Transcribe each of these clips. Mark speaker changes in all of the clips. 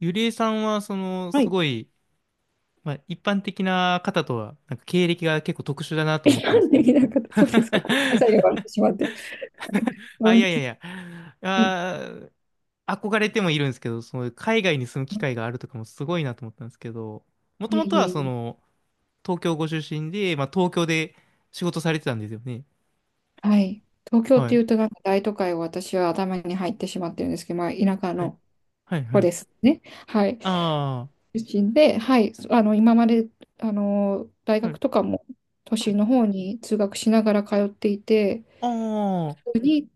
Speaker 1: ゆりえさんは、
Speaker 2: は
Speaker 1: す
Speaker 2: い。
Speaker 1: ごい、まあ、一般的な方とは、なんか経歴が結構特殊だなと思った
Speaker 2: な
Speaker 1: んです
Speaker 2: ん
Speaker 1: け
Speaker 2: でき
Speaker 1: ど。
Speaker 2: なかった、そうですか。ごめんなさいよ、笑って しまって。う
Speaker 1: あ、い
Speaker 2: ん。
Speaker 1: やいやいや。
Speaker 2: はい。
Speaker 1: あー、憧れてもいるんですけど、その、海外に住む機会があるとかもすごいなと思ったんですけど、もと
Speaker 2: いえ
Speaker 1: もと
Speaker 2: いえ
Speaker 1: は、
Speaker 2: い
Speaker 1: そ
Speaker 2: え。
Speaker 1: の、東京ご出身で、まあ、東京で仕事されてたんですよね。
Speaker 2: はい。東京っ
Speaker 1: は
Speaker 2: てい
Speaker 1: い。
Speaker 2: うと、なんか大都会を私は頭に入ってしまってるんですけど、まあ、田舎
Speaker 1: はい。
Speaker 2: の
Speaker 1: はい、は
Speaker 2: 子
Speaker 1: い。
Speaker 2: ですね。はい。
Speaker 1: あ
Speaker 2: 出身で、はい。今まで、大
Speaker 1: あ、は
Speaker 2: 学
Speaker 1: い。
Speaker 2: とかも都
Speaker 1: はい。
Speaker 2: 心の方に通学しながら通っていて、
Speaker 1: ああ、は
Speaker 2: 普通に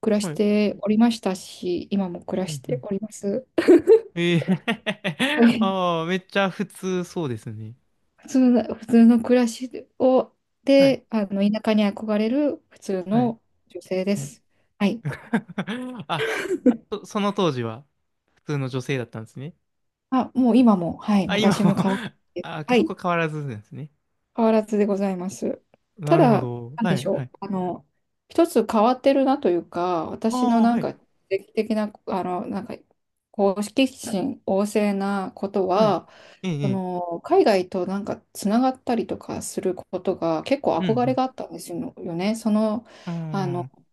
Speaker 2: 暮らし
Speaker 1: い。
Speaker 2: ておりましたし、今も
Speaker 1: う
Speaker 2: 暮らし
Speaker 1: ん、う
Speaker 2: て
Speaker 1: ん。
Speaker 2: おります。
Speaker 1: ええ。
Speaker 2: は い。
Speaker 1: ああ、めっちゃ普通そうですね。
Speaker 2: 普通の、普通の暮らしを、
Speaker 1: はい、
Speaker 2: で、田舎に憧れる普通
Speaker 1: はい、
Speaker 2: の女性で
Speaker 1: はい。
Speaker 2: す。はい。
Speaker 1: あ、その当時は普通の女性だったんですね。
Speaker 2: あ、もう今も、はい、
Speaker 1: あ、今
Speaker 2: 昔
Speaker 1: も。
Speaker 2: も変わら ず、
Speaker 1: あ、
Speaker 2: は
Speaker 1: そ
Speaker 2: い、
Speaker 1: こ変わらずんですね。
Speaker 2: 変わらずでございます。た
Speaker 1: なるほ
Speaker 2: だ、
Speaker 1: ど。
Speaker 2: なん
Speaker 1: は
Speaker 2: でし
Speaker 1: い、は
Speaker 2: ょ
Speaker 1: い。
Speaker 2: う、一つ変わってるなというか、
Speaker 1: あ
Speaker 2: 私の
Speaker 1: あ、
Speaker 2: な
Speaker 1: は
Speaker 2: ん
Speaker 1: い、
Speaker 2: か、定期的な、なんか、こう好奇心旺盛なこと
Speaker 1: はい。
Speaker 2: は、
Speaker 1: ええ、ええ。
Speaker 2: 海外となんかつながったりとかすることが結構
Speaker 1: う
Speaker 2: 憧れ
Speaker 1: ん、
Speaker 2: があったんですよね。その
Speaker 1: うん。
Speaker 2: あ
Speaker 1: うー
Speaker 2: の、
Speaker 1: ん。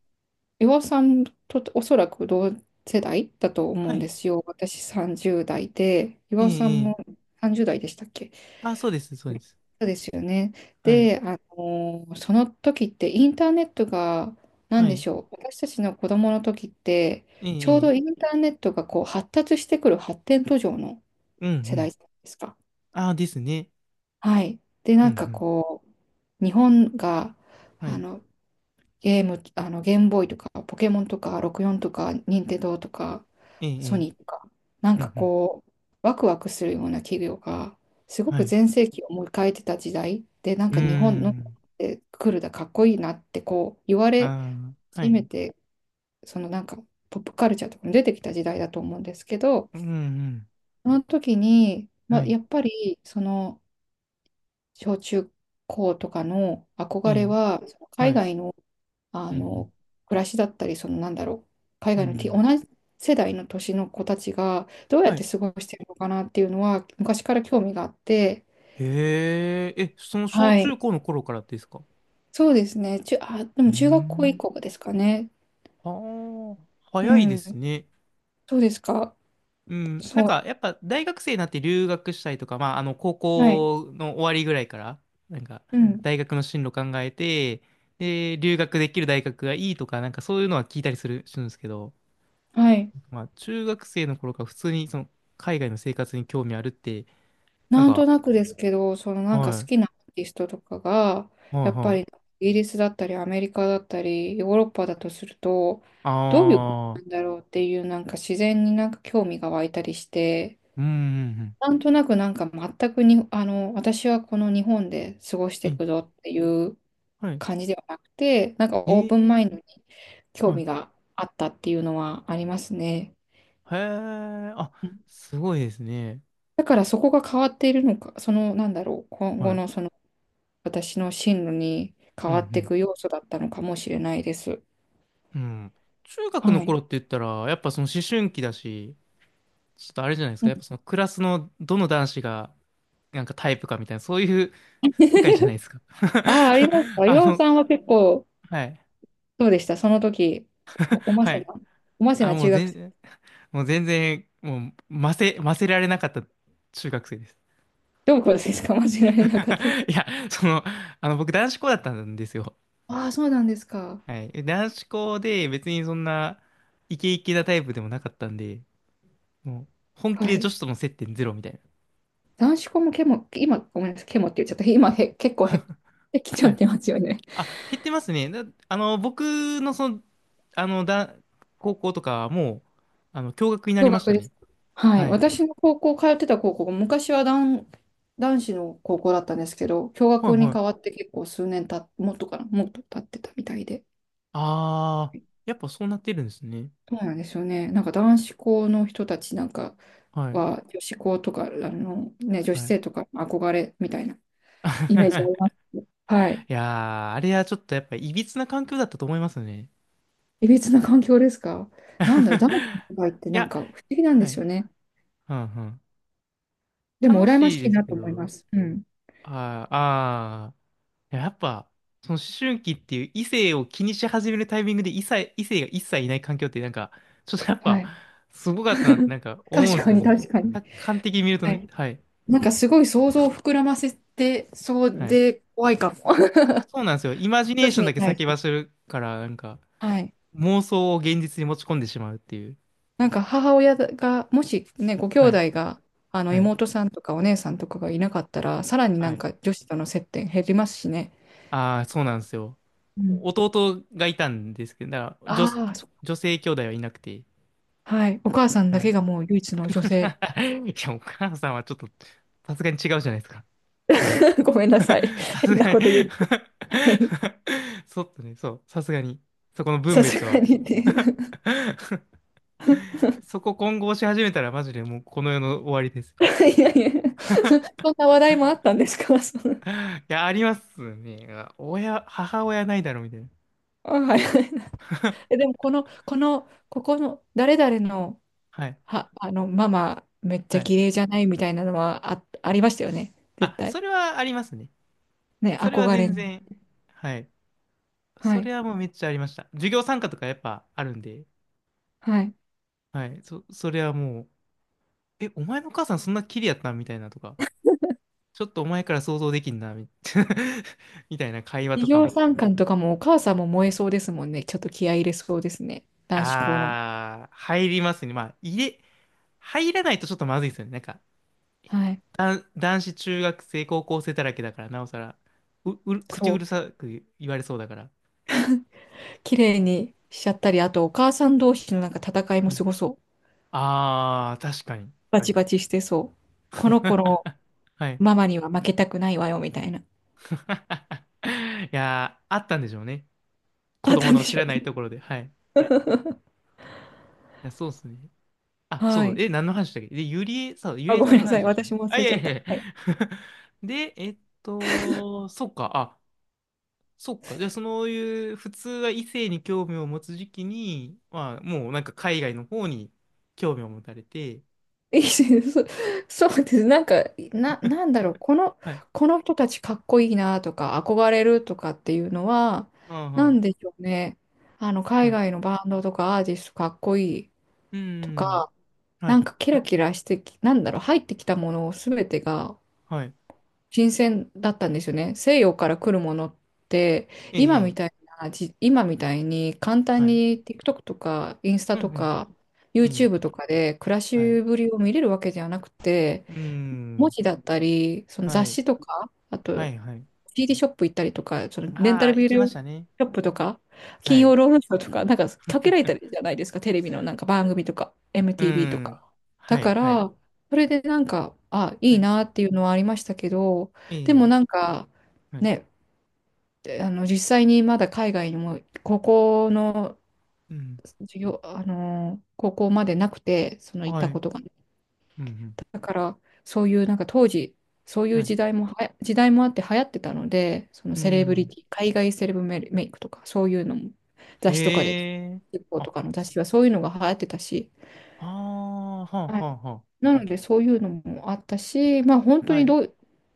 Speaker 2: 岩尾さんとおそらく同世代だと思
Speaker 1: は
Speaker 2: うんで
Speaker 1: い。
Speaker 2: すよ。私30代で、
Speaker 1: え
Speaker 2: 岩尾さ
Speaker 1: え、
Speaker 2: ん
Speaker 1: え
Speaker 2: も
Speaker 1: え。
Speaker 2: 30代でしたっけ。
Speaker 1: あ、そうです、そうです。
Speaker 2: そうですよね。
Speaker 1: はい、
Speaker 2: で、その時ってインターネットが何
Speaker 1: は
Speaker 2: で
Speaker 1: い。
Speaker 2: しょう、私たちの子供の時って、
Speaker 1: ええ、
Speaker 2: ちょう
Speaker 1: え
Speaker 2: ど
Speaker 1: え。
Speaker 2: インターネットがこう発達してくる発展途上の
Speaker 1: うん、う
Speaker 2: 世代
Speaker 1: ん。
Speaker 2: じゃないですか。
Speaker 1: ああ、ですね。
Speaker 2: はい。で、
Speaker 1: うん、
Speaker 2: な
Speaker 1: う
Speaker 2: んか
Speaker 1: ん。
Speaker 2: こう、日本が
Speaker 1: は
Speaker 2: あ
Speaker 1: い。
Speaker 2: のゲーム、ゲームボーイとか、ポケモンとか、64とか、任天堂とか、
Speaker 1: ええ、
Speaker 2: ソ
Speaker 1: ええ。
Speaker 2: ニーとか、な
Speaker 1: う
Speaker 2: んか
Speaker 1: ん、うん。
Speaker 2: こう、ワクワクするような企業が、すご
Speaker 1: は
Speaker 2: く
Speaker 1: い。
Speaker 2: 全盛期を迎えてた時代で、なん
Speaker 1: うー
Speaker 2: か日本の
Speaker 1: ん。
Speaker 2: え来るだ、かっこいいなって、こう、言われ
Speaker 1: ああ、は
Speaker 2: 始
Speaker 1: い。
Speaker 2: めて、そのなんか、ポップカルチャーとかも出てきた時代だと思うんですけど、
Speaker 1: うん、うん。
Speaker 2: その時に、ま
Speaker 1: は
Speaker 2: あ、
Speaker 1: い。
Speaker 2: やっぱり、その、小中高とかの
Speaker 1: え
Speaker 2: 憧れ
Speaker 1: え、
Speaker 2: は、その海
Speaker 1: はい。
Speaker 2: 外のあ
Speaker 1: うん、
Speaker 2: の暮らしだったり、そのなんだろう、海
Speaker 1: うん。
Speaker 2: 外
Speaker 1: う
Speaker 2: の
Speaker 1: ん、
Speaker 2: 同じ世代の年の子たちがどうやっ
Speaker 1: は
Speaker 2: て
Speaker 1: い。
Speaker 2: 過ごしてるのかなっていうのは昔から興味があって、
Speaker 1: へえ、え、その小
Speaker 2: は
Speaker 1: 中
Speaker 2: い。
Speaker 1: 高の頃からですか？
Speaker 2: そうですね、中あ、で
Speaker 1: うー
Speaker 2: も中学校以
Speaker 1: ん。
Speaker 2: 降ですかね。
Speaker 1: はあ、
Speaker 2: う
Speaker 1: 早いです
Speaker 2: ん、
Speaker 1: ね。
Speaker 2: そうですか、
Speaker 1: うん。なん
Speaker 2: そ
Speaker 1: か、
Speaker 2: う、
Speaker 1: やっぱ大学生になって留学したりとか、まあ、あの、高
Speaker 2: はい、
Speaker 1: 校の終わりぐらいから、なんか、
Speaker 2: うん、
Speaker 1: 大学の進路考えて、で、留学できる大学がいいとか、なんかそういうのは聞いたりする、するんですけど、
Speaker 2: はい。
Speaker 1: まあ、中学生の頃から普通に、その、海外の生活に興味あるって、なん
Speaker 2: なんと
Speaker 1: か、
Speaker 2: なくですけど、そのなんか好
Speaker 1: は
Speaker 2: きなアーティストとかが、
Speaker 1: い、はい、
Speaker 2: やっぱ
Speaker 1: は
Speaker 2: り
Speaker 1: い。
Speaker 2: イギリスだったりアメリカだったりヨーロッパだとすると、
Speaker 1: あ
Speaker 2: どういうことなん
Speaker 1: あ、
Speaker 2: だろうっていうなんか自然になんか興味が湧いたりして、
Speaker 1: うん、うん、
Speaker 2: なんとなくなんか全くに、私はこの日本で過ごして
Speaker 1: うん。
Speaker 2: い
Speaker 1: え、
Speaker 2: くぞっていう
Speaker 1: はい。
Speaker 2: 感じではなくて、なんかオー
Speaker 1: え
Speaker 2: プンマイ
Speaker 1: え、
Speaker 2: ンドに興
Speaker 1: はい。
Speaker 2: 味があったっていうのはありますね。
Speaker 1: へえ、あ、
Speaker 2: うん。
Speaker 1: すごいですね。
Speaker 2: だからそこが変わっているのか、そのなんだろう、今
Speaker 1: は
Speaker 2: 後
Speaker 1: い。
Speaker 2: のその私の進路に変
Speaker 1: う
Speaker 2: わってい
Speaker 1: ん、
Speaker 2: く要素だったのかもしれないです。
Speaker 1: うん。うん。中学の
Speaker 2: はい。
Speaker 1: 頃って言ったら、やっぱその思春期だし、ちょっとあれじゃないです
Speaker 2: う
Speaker 1: か。
Speaker 2: ん。
Speaker 1: やっぱそのクラスのどの男子がなんかタイプかみたいな、そういう 世界じゃないですか。
Speaker 2: ああ、あります か。
Speaker 1: あ
Speaker 2: 岩尾
Speaker 1: の、
Speaker 2: さんは結構、
Speaker 1: はい。
Speaker 2: どうでしたその時、もおま
Speaker 1: は
Speaker 2: せな、
Speaker 1: い。
Speaker 2: おませ
Speaker 1: あ、
Speaker 2: な中学生、
Speaker 1: もう全然、もう、ませ、ませられなかった中学生です。
Speaker 2: どうこうですか間違えなかった。
Speaker 1: いや、その、あの、僕男子校だったんですよ。
Speaker 2: ああ、そうなんですか。
Speaker 1: はい。え、男子校で別にそんなイケイケなタイプでもなかったんで、もう本気
Speaker 2: は
Speaker 1: で女
Speaker 2: い。
Speaker 1: 子との接点ゼロみたいな。
Speaker 2: 男子校もケモ、今、ごめんなさい、ケモって言っちゃった。今へ、結構へ、できち
Speaker 1: は
Speaker 2: ゃっ
Speaker 1: い。
Speaker 2: てますよね。
Speaker 1: あ、減ってますね。だ、あの、僕のその、あの、だ、高校とかはもう、あの、共学になり
Speaker 2: 共
Speaker 1: まし
Speaker 2: 学
Speaker 1: た
Speaker 2: で
Speaker 1: ね。
Speaker 2: す。はい。
Speaker 1: はい。
Speaker 2: 私の高校、通ってた高校が昔は男、男子の高校だったんですけど、共
Speaker 1: はい
Speaker 2: 学に
Speaker 1: は
Speaker 2: 変わっ
Speaker 1: い。
Speaker 2: て結構数年た、もっとかな、もっと経ってたみたいで。
Speaker 1: あー、やっぱそうなってるんですね。
Speaker 2: そうなんですよね。なんか男子校の人たちなんか
Speaker 1: はい。
Speaker 2: は、女子校とか、ね、女子
Speaker 1: はい。
Speaker 2: 生とか憧れみたいなイメージありま す。はい。
Speaker 1: いやー、あれはちょっとやっぱいびつな環境だったと思いますね。
Speaker 2: いびつな環境ですか。なんだろう、男子の 世界って
Speaker 1: い
Speaker 2: なん
Speaker 1: や、
Speaker 2: か不思議なんで
Speaker 1: は
Speaker 2: す
Speaker 1: い。
Speaker 2: よね。
Speaker 1: うんうん。
Speaker 2: でも
Speaker 1: 楽
Speaker 2: 羨ま
Speaker 1: し
Speaker 2: し
Speaker 1: い
Speaker 2: い
Speaker 1: です
Speaker 2: な
Speaker 1: け
Speaker 2: と思いま
Speaker 1: ど、
Speaker 2: す。うん。
Speaker 1: ああ、あー、いややっぱ、その思春期っていう異性を気にし始めるタイミングで異性が一切いない環境ってなんか、ちょっとやっ
Speaker 2: は
Speaker 1: ぱ、
Speaker 2: い。
Speaker 1: すごかったなってなん か思うんで
Speaker 2: 確
Speaker 1: す
Speaker 2: か
Speaker 1: けど
Speaker 2: に、
Speaker 1: ね。
Speaker 2: 確かに。
Speaker 1: 客観的に見ると
Speaker 2: は
Speaker 1: ね、
Speaker 2: い。
Speaker 1: はい、
Speaker 2: なんかすごい想像を膨らませてそう
Speaker 1: はい。
Speaker 2: で怖いかも。
Speaker 1: そうなんですよ。イマジネ
Speaker 2: 女
Speaker 1: ー
Speaker 2: 子
Speaker 1: ションだ
Speaker 2: に
Speaker 1: け
Speaker 2: 対し
Speaker 1: 先
Speaker 2: て。
Speaker 1: 走るから、なんか、
Speaker 2: はい。
Speaker 1: 妄想を現実に持ち込んでしまうっていう。
Speaker 2: なんか母親が、もしね、ご兄
Speaker 1: はい、
Speaker 2: 弟が、あの
Speaker 1: はい、
Speaker 2: 妹さんとかお姉さんとかがいなかったら、さらにな
Speaker 1: は
Speaker 2: ん
Speaker 1: い。
Speaker 2: か女子との接点減りますしね。
Speaker 1: ああ、そうなんですよ。
Speaker 2: うん。
Speaker 1: 弟がいたんですけど、だから女、
Speaker 2: ああ、そ。
Speaker 1: 女性兄弟はいなくて、
Speaker 2: はい。お母さんだ
Speaker 1: は
Speaker 2: け
Speaker 1: い。
Speaker 2: がもう唯一の 女性。
Speaker 1: いや、お母さんはちょっと、さすがに違うじゃないですか。
Speaker 2: ごめんなさい。
Speaker 1: さす
Speaker 2: 変な
Speaker 1: がに。
Speaker 2: こと言って。はい。
Speaker 1: そっとね、そう、さすがに。そこの分
Speaker 2: さす
Speaker 1: 別
Speaker 2: が
Speaker 1: は。
Speaker 2: にね。
Speaker 1: そこ混合し始めたらマジでもうこの世の終わりです。
Speaker 2: いやいや、そ、そんな話題もあったんですかその。
Speaker 1: いや、ありますね。親、母親ないだろ、みたいな。
Speaker 2: あ、はい。え でも、この、この、ここの、誰々の
Speaker 1: はい。
Speaker 2: は、ママ、めっちゃ
Speaker 1: はい。
Speaker 2: 綺麗じゃないみたいなのはあ、ありましたよね。絶
Speaker 1: あ、
Speaker 2: 対。
Speaker 1: それはありますね。
Speaker 2: ね、
Speaker 1: それは
Speaker 2: 憧れ
Speaker 1: 全
Speaker 2: の。
Speaker 1: 然。はい。
Speaker 2: は
Speaker 1: そ
Speaker 2: い。
Speaker 1: れはもうめっちゃありました。授業参加とかやっぱあるんで。
Speaker 2: はい。
Speaker 1: はい。それはもう、え、お前のお母さんそんなキリやったんみたいなとか。ちょっとお前から想像できんな、みたいな会話と
Speaker 2: 企
Speaker 1: か
Speaker 2: 業
Speaker 1: も。
Speaker 2: 参観とかもお母さんも燃えそうですもんね。ちょっと気合い入れそうですね。男子校の。
Speaker 1: あー、入りますね。入らないとちょっとまずいですよね。なんか、
Speaker 2: はい。
Speaker 1: 男子中学生、高校生だらけだから、なおさら、う、うる、口
Speaker 2: そ
Speaker 1: うる
Speaker 2: う。
Speaker 1: さく言われそうだから。
Speaker 2: 綺麗にしちゃったり、あとお母さん同士のなんか戦いも
Speaker 1: はい、
Speaker 2: すごそう。
Speaker 1: あー、確かに。
Speaker 2: バチバチしてそう。この子の
Speaker 1: はい。
Speaker 2: ママには負けたくないわよ、みたいな。
Speaker 1: いやー、あったんでしょうね。子
Speaker 2: あっ
Speaker 1: 供
Speaker 2: たん
Speaker 1: の
Speaker 2: で
Speaker 1: 知
Speaker 2: しょ
Speaker 1: ら
Speaker 2: う
Speaker 1: ない
Speaker 2: ね。
Speaker 1: ところで。はい。いや、そうっすね。あ、
Speaker 2: は
Speaker 1: そう、
Speaker 2: い。
Speaker 1: え、何の話だっけで、ゆ
Speaker 2: あ、
Speaker 1: りえ
Speaker 2: ご
Speaker 1: さん
Speaker 2: めん
Speaker 1: の
Speaker 2: なさ
Speaker 1: 話
Speaker 2: い。
Speaker 1: でした
Speaker 2: 私
Speaker 1: ね。
Speaker 2: も忘
Speaker 1: あ、い
Speaker 2: れち
Speaker 1: や
Speaker 2: ゃっ
Speaker 1: いや
Speaker 2: た。
Speaker 1: いや。
Speaker 2: はい。
Speaker 1: で、そっか、あ、そっか。じゃあ、そういう、普通は異性に興味を持つ時期に、まあ、もうなんか海外の方に興味を持たれて、
Speaker 2: いいし そそうです。なんか、な、なんだろう。この、
Speaker 1: はい。
Speaker 2: この人たちかっこいいなとか、憧れるとかっていうのは、なん
Speaker 1: あ
Speaker 2: でしょうね。
Speaker 1: あ、
Speaker 2: 海
Speaker 1: はい。
Speaker 2: 外のバンドとかアーティストかっこいい
Speaker 1: うー
Speaker 2: と
Speaker 1: ん。
Speaker 2: か、
Speaker 1: は
Speaker 2: な
Speaker 1: い。
Speaker 2: んかキラキラしてき、なんだろう、入ってきたものすべてが
Speaker 1: はい。
Speaker 2: 新鮮だったんですよね。西洋から来るものって、
Speaker 1: え
Speaker 2: 今
Speaker 1: え、
Speaker 2: み
Speaker 1: ええ、
Speaker 2: たいな、じ、今みたいに簡単
Speaker 1: はい。
Speaker 2: に TikTok とかインスタ
Speaker 1: うん、
Speaker 2: と
Speaker 1: うん。
Speaker 2: か
Speaker 1: ええ、
Speaker 2: YouTube とかで暮らし
Speaker 1: はい。
Speaker 2: ぶりを見れるわけじゃなくて、
Speaker 1: うー
Speaker 2: 文
Speaker 1: ん。
Speaker 2: 字だったり、その
Speaker 1: は
Speaker 2: 雑
Speaker 1: い。
Speaker 2: 誌とか、あ
Speaker 1: は
Speaker 2: と
Speaker 1: い、はい。
Speaker 2: CD ショップ行ったりとか、そのレンタ
Speaker 1: あ
Speaker 2: ル
Speaker 1: あ、行
Speaker 2: ビ
Speaker 1: き
Speaker 2: デ
Speaker 1: ま
Speaker 2: オ
Speaker 1: し
Speaker 2: シ
Speaker 1: たね。
Speaker 2: ョップとか、
Speaker 1: は
Speaker 2: 金
Speaker 1: い。
Speaker 2: 曜ロードショーとか、なんかかけられたりじゃ ないですか、テレビのなんか番組とか、
Speaker 1: うー
Speaker 2: MTV と
Speaker 1: ん。
Speaker 2: か。だ
Speaker 1: はい、
Speaker 2: か
Speaker 1: はい。
Speaker 2: ら、それでなんか、あ、い
Speaker 1: は
Speaker 2: い
Speaker 1: い、
Speaker 2: なっていうのはありましたけど、で
Speaker 1: え
Speaker 2: も
Speaker 1: え、
Speaker 2: なんか、
Speaker 1: はい。
Speaker 2: ね、あの実際にまだ海外にも高校の
Speaker 1: うん。
Speaker 2: 授業、あの高校までなくて、その行っ
Speaker 1: は
Speaker 2: た
Speaker 1: い。う
Speaker 2: こ
Speaker 1: ん、
Speaker 2: とがね。
Speaker 1: うん。
Speaker 2: だからそういうなんか当時そうい
Speaker 1: は
Speaker 2: う
Speaker 1: い。
Speaker 2: 時代もはや時代もあって流行ってたので、その
Speaker 1: う
Speaker 2: セレブリ
Speaker 1: ん。
Speaker 2: ティ海外セレブメメイクとかそういうのも
Speaker 1: へ
Speaker 2: 雑誌とかで
Speaker 1: え。
Speaker 2: 日報と
Speaker 1: あ、
Speaker 2: かの雑誌はそういうのが流行ってたし、
Speaker 1: ああ、はあ、は
Speaker 2: はい。
Speaker 1: あ、は
Speaker 2: なのでそういうのもあったし、まあ、本
Speaker 1: あ。
Speaker 2: 当
Speaker 1: は
Speaker 2: に
Speaker 1: い。
Speaker 2: どう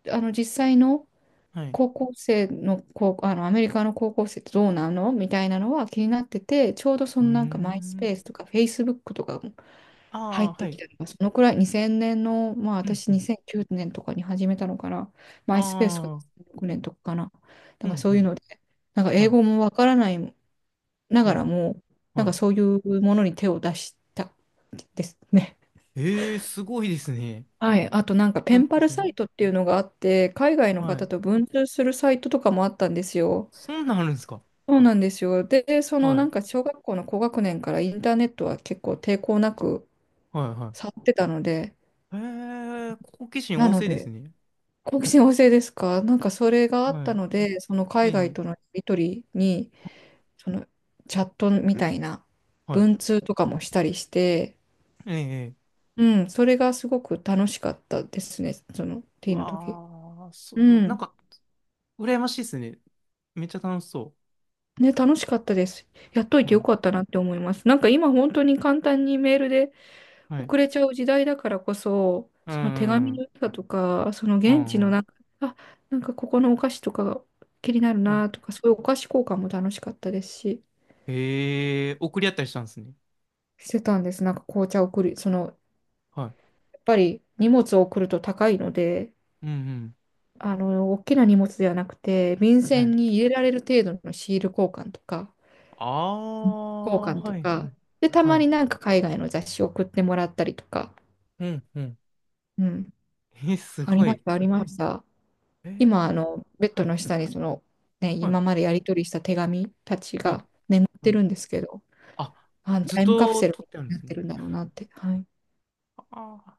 Speaker 2: 実際の
Speaker 1: はい。
Speaker 2: 高校生の高あのアメリカの高校生ってどうなのみたいなのは気になってて、ちょうどそ
Speaker 1: うー
Speaker 2: のなんかマイス
Speaker 1: ん。
Speaker 2: ペースとかフェイスブックとか
Speaker 1: あ
Speaker 2: 入
Speaker 1: あ、
Speaker 2: っ
Speaker 1: は
Speaker 2: てき
Speaker 1: い。
Speaker 2: たのが、そのくらい2000年の、まあ
Speaker 1: うん、
Speaker 2: 私
Speaker 1: うん。
Speaker 2: 2009年とかに始めたのかな。マイスペースが
Speaker 1: ああ、
Speaker 2: 2006年とかかな。
Speaker 1: う
Speaker 2: なんか
Speaker 1: ん、
Speaker 2: そ
Speaker 1: う
Speaker 2: ういう
Speaker 1: ん。
Speaker 2: ので、なんか英
Speaker 1: はい。
Speaker 2: 語もわからないな
Speaker 1: う
Speaker 2: がら
Speaker 1: ん。
Speaker 2: も、なん
Speaker 1: は
Speaker 2: か
Speaker 1: い。
Speaker 2: そういうものに手を出したですね。
Speaker 1: ええ、すごいですね。
Speaker 2: はい。あとなんか
Speaker 1: す
Speaker 2: ペン
Speaker 1: ごい
Speaker 2: パ
Speaker 1: で
Speaker 2: ル
Speaker 1: す
Speaker 2: サ
Speaker 1: ね。
Speaker 2: イトっていうのがあって、海外の
Speaker 1: は
Speaker 2: 方
Speaker 1: い。
Speaker 2: と文通するサイトとかもあったんですよ。
Speaker 1: そんなんあるんですか？
Speaker 2: そうなんですよ。で、その
Speaker 1: は
Speaker 2: な
Speaker 1: い。
Speaker 2: んか小学校の高学年からインターネットは結構抵抗なく
Speaker 1: はい、は
Speaker 2: 触ってたので、
Speaker 1: い。へえ、好奇心
Speaker 2: な
Speaker 1: 旺
Speaker 2: の
Speaker 1: 盛です
Speaker 2: で、
Speaker 1: ね。
Speaker 2: 好奇心旺盛ですか。なんかそれがあっ
Speaker 1: は
Speaker 2: た
Speaker 1: い。
Speaker 2: ので、その
Speaker 1: え
Speaker 2: 海外
Speaker 1: え。
Speaker 2: とのやり取りに、そのチャットみたいな
Speaker 1: はい。
Speaker 2: 文通とかもしたりして、
Speaker 1: ええ。
Speaker 2: うん、それがすごく楽しかったですね、その
Speaker 1: う
Speaker 2: T の時。
Speaker 1: わあ、そ、
Speaker 2: う
Speaker 1: なん
Speaker 2: ん。
Speaker 1: か、羨ましいですね。めっちゃ楽しそ
Speaker 2: ね、楽しかったです。やっとい
Speaker 1: う。
Speaker 2: て
Speaker 1: は
Speaker 2: よ
Speaker 1: い。
Speaker 2: かったなって思います。なんか今本当に簡単にメールで
Speaker 1: はい。
Speaker 2: 送れちゃう時代だからこそ、
Speaker 1: うん、
Speaker 2: その手
Speaker 1: う
Speaker 2: 紙の
Speaker 1: ん、
Speaker 2: 良さとか、その
Speaker 1: う
Speaker 2: 現
Speaker 1: ん、
Speaker 2: 地
Speaker 1: う
Speaker 2: の
Speaker 1: ん。
Speaker 2: なんか、あ、なんかここのお菓子とかが気になる
Speaker 1: はい。
Speaker 2: なとか、そういうお菓子交換も楽しかったですし。
Speaker 1: へえ、送り合ったりしたんですね。
Speaker 2: してたんです。なんか紅茶を送る、その、
Speaker 1: はい。
Speaker 2: やっぱり荷物を送ると高いので、
Speaker 1: うん、うん。
Speaker 2: 大きな荷物ではなくて、便
Speaker 1: は
Speaker 2: 箋
Speaker 1: い。
Speaker 2: に入れられる程度のシール交換とか、
Speaker 1: あ
Speaker 2: 交
Speaker 1: あ、
Speaker 2: 換と
Speaker 1: はい、は
Speaker 2: か、
Speaker 1: い。
Speaker 2: で、た
Speaker 1: は
Speaker 2: ま
Speaker 1: い。
Speaker 2: になんか海外の雑誌を送ってもらったりとか、
Speaker 1: うん、うん。
Speaker 2: うん、
Speaker 1: え、す
Speaker 2: あり
Speaker 1: ご
Speaker 2: まし
Speaker 1: い。
Speaker 2: た、ありました。
Speaker 1: え
Speaker 2: 今、
Speaker 1: ー、
Speaker 2: ベッ
Speaker 1: は
Speaker 2: ド
Speaker 1: い、
Speaker 2: の下にその、ね、
Speaker 1: はい、
Speaker 2: 今までやり取りした手紙たち
Speaker 1: うん、
Speaker 2: が眠っ
Speaker 1: は
Speaker 2: て
Speaker 1: い。
Speaker 2: るんですけど、
Speaker 1: あ、
Speaker 2: あの
Speaker 1: ずっ
Speaker 2: タイムカプ
Speaker 1: と
Speaker 2: セル
Speaker 1: 撮っ
Speaker 2: みたい
Speaker 1: てあるん
Speaker 2: に
Speaker 1: で
Speaker 2: な
Speaker 1: す
Speaker 2: っ
Speaker 1: ね。
Speaker 2: てるんだろうなって。はい。
Speaker 1: あ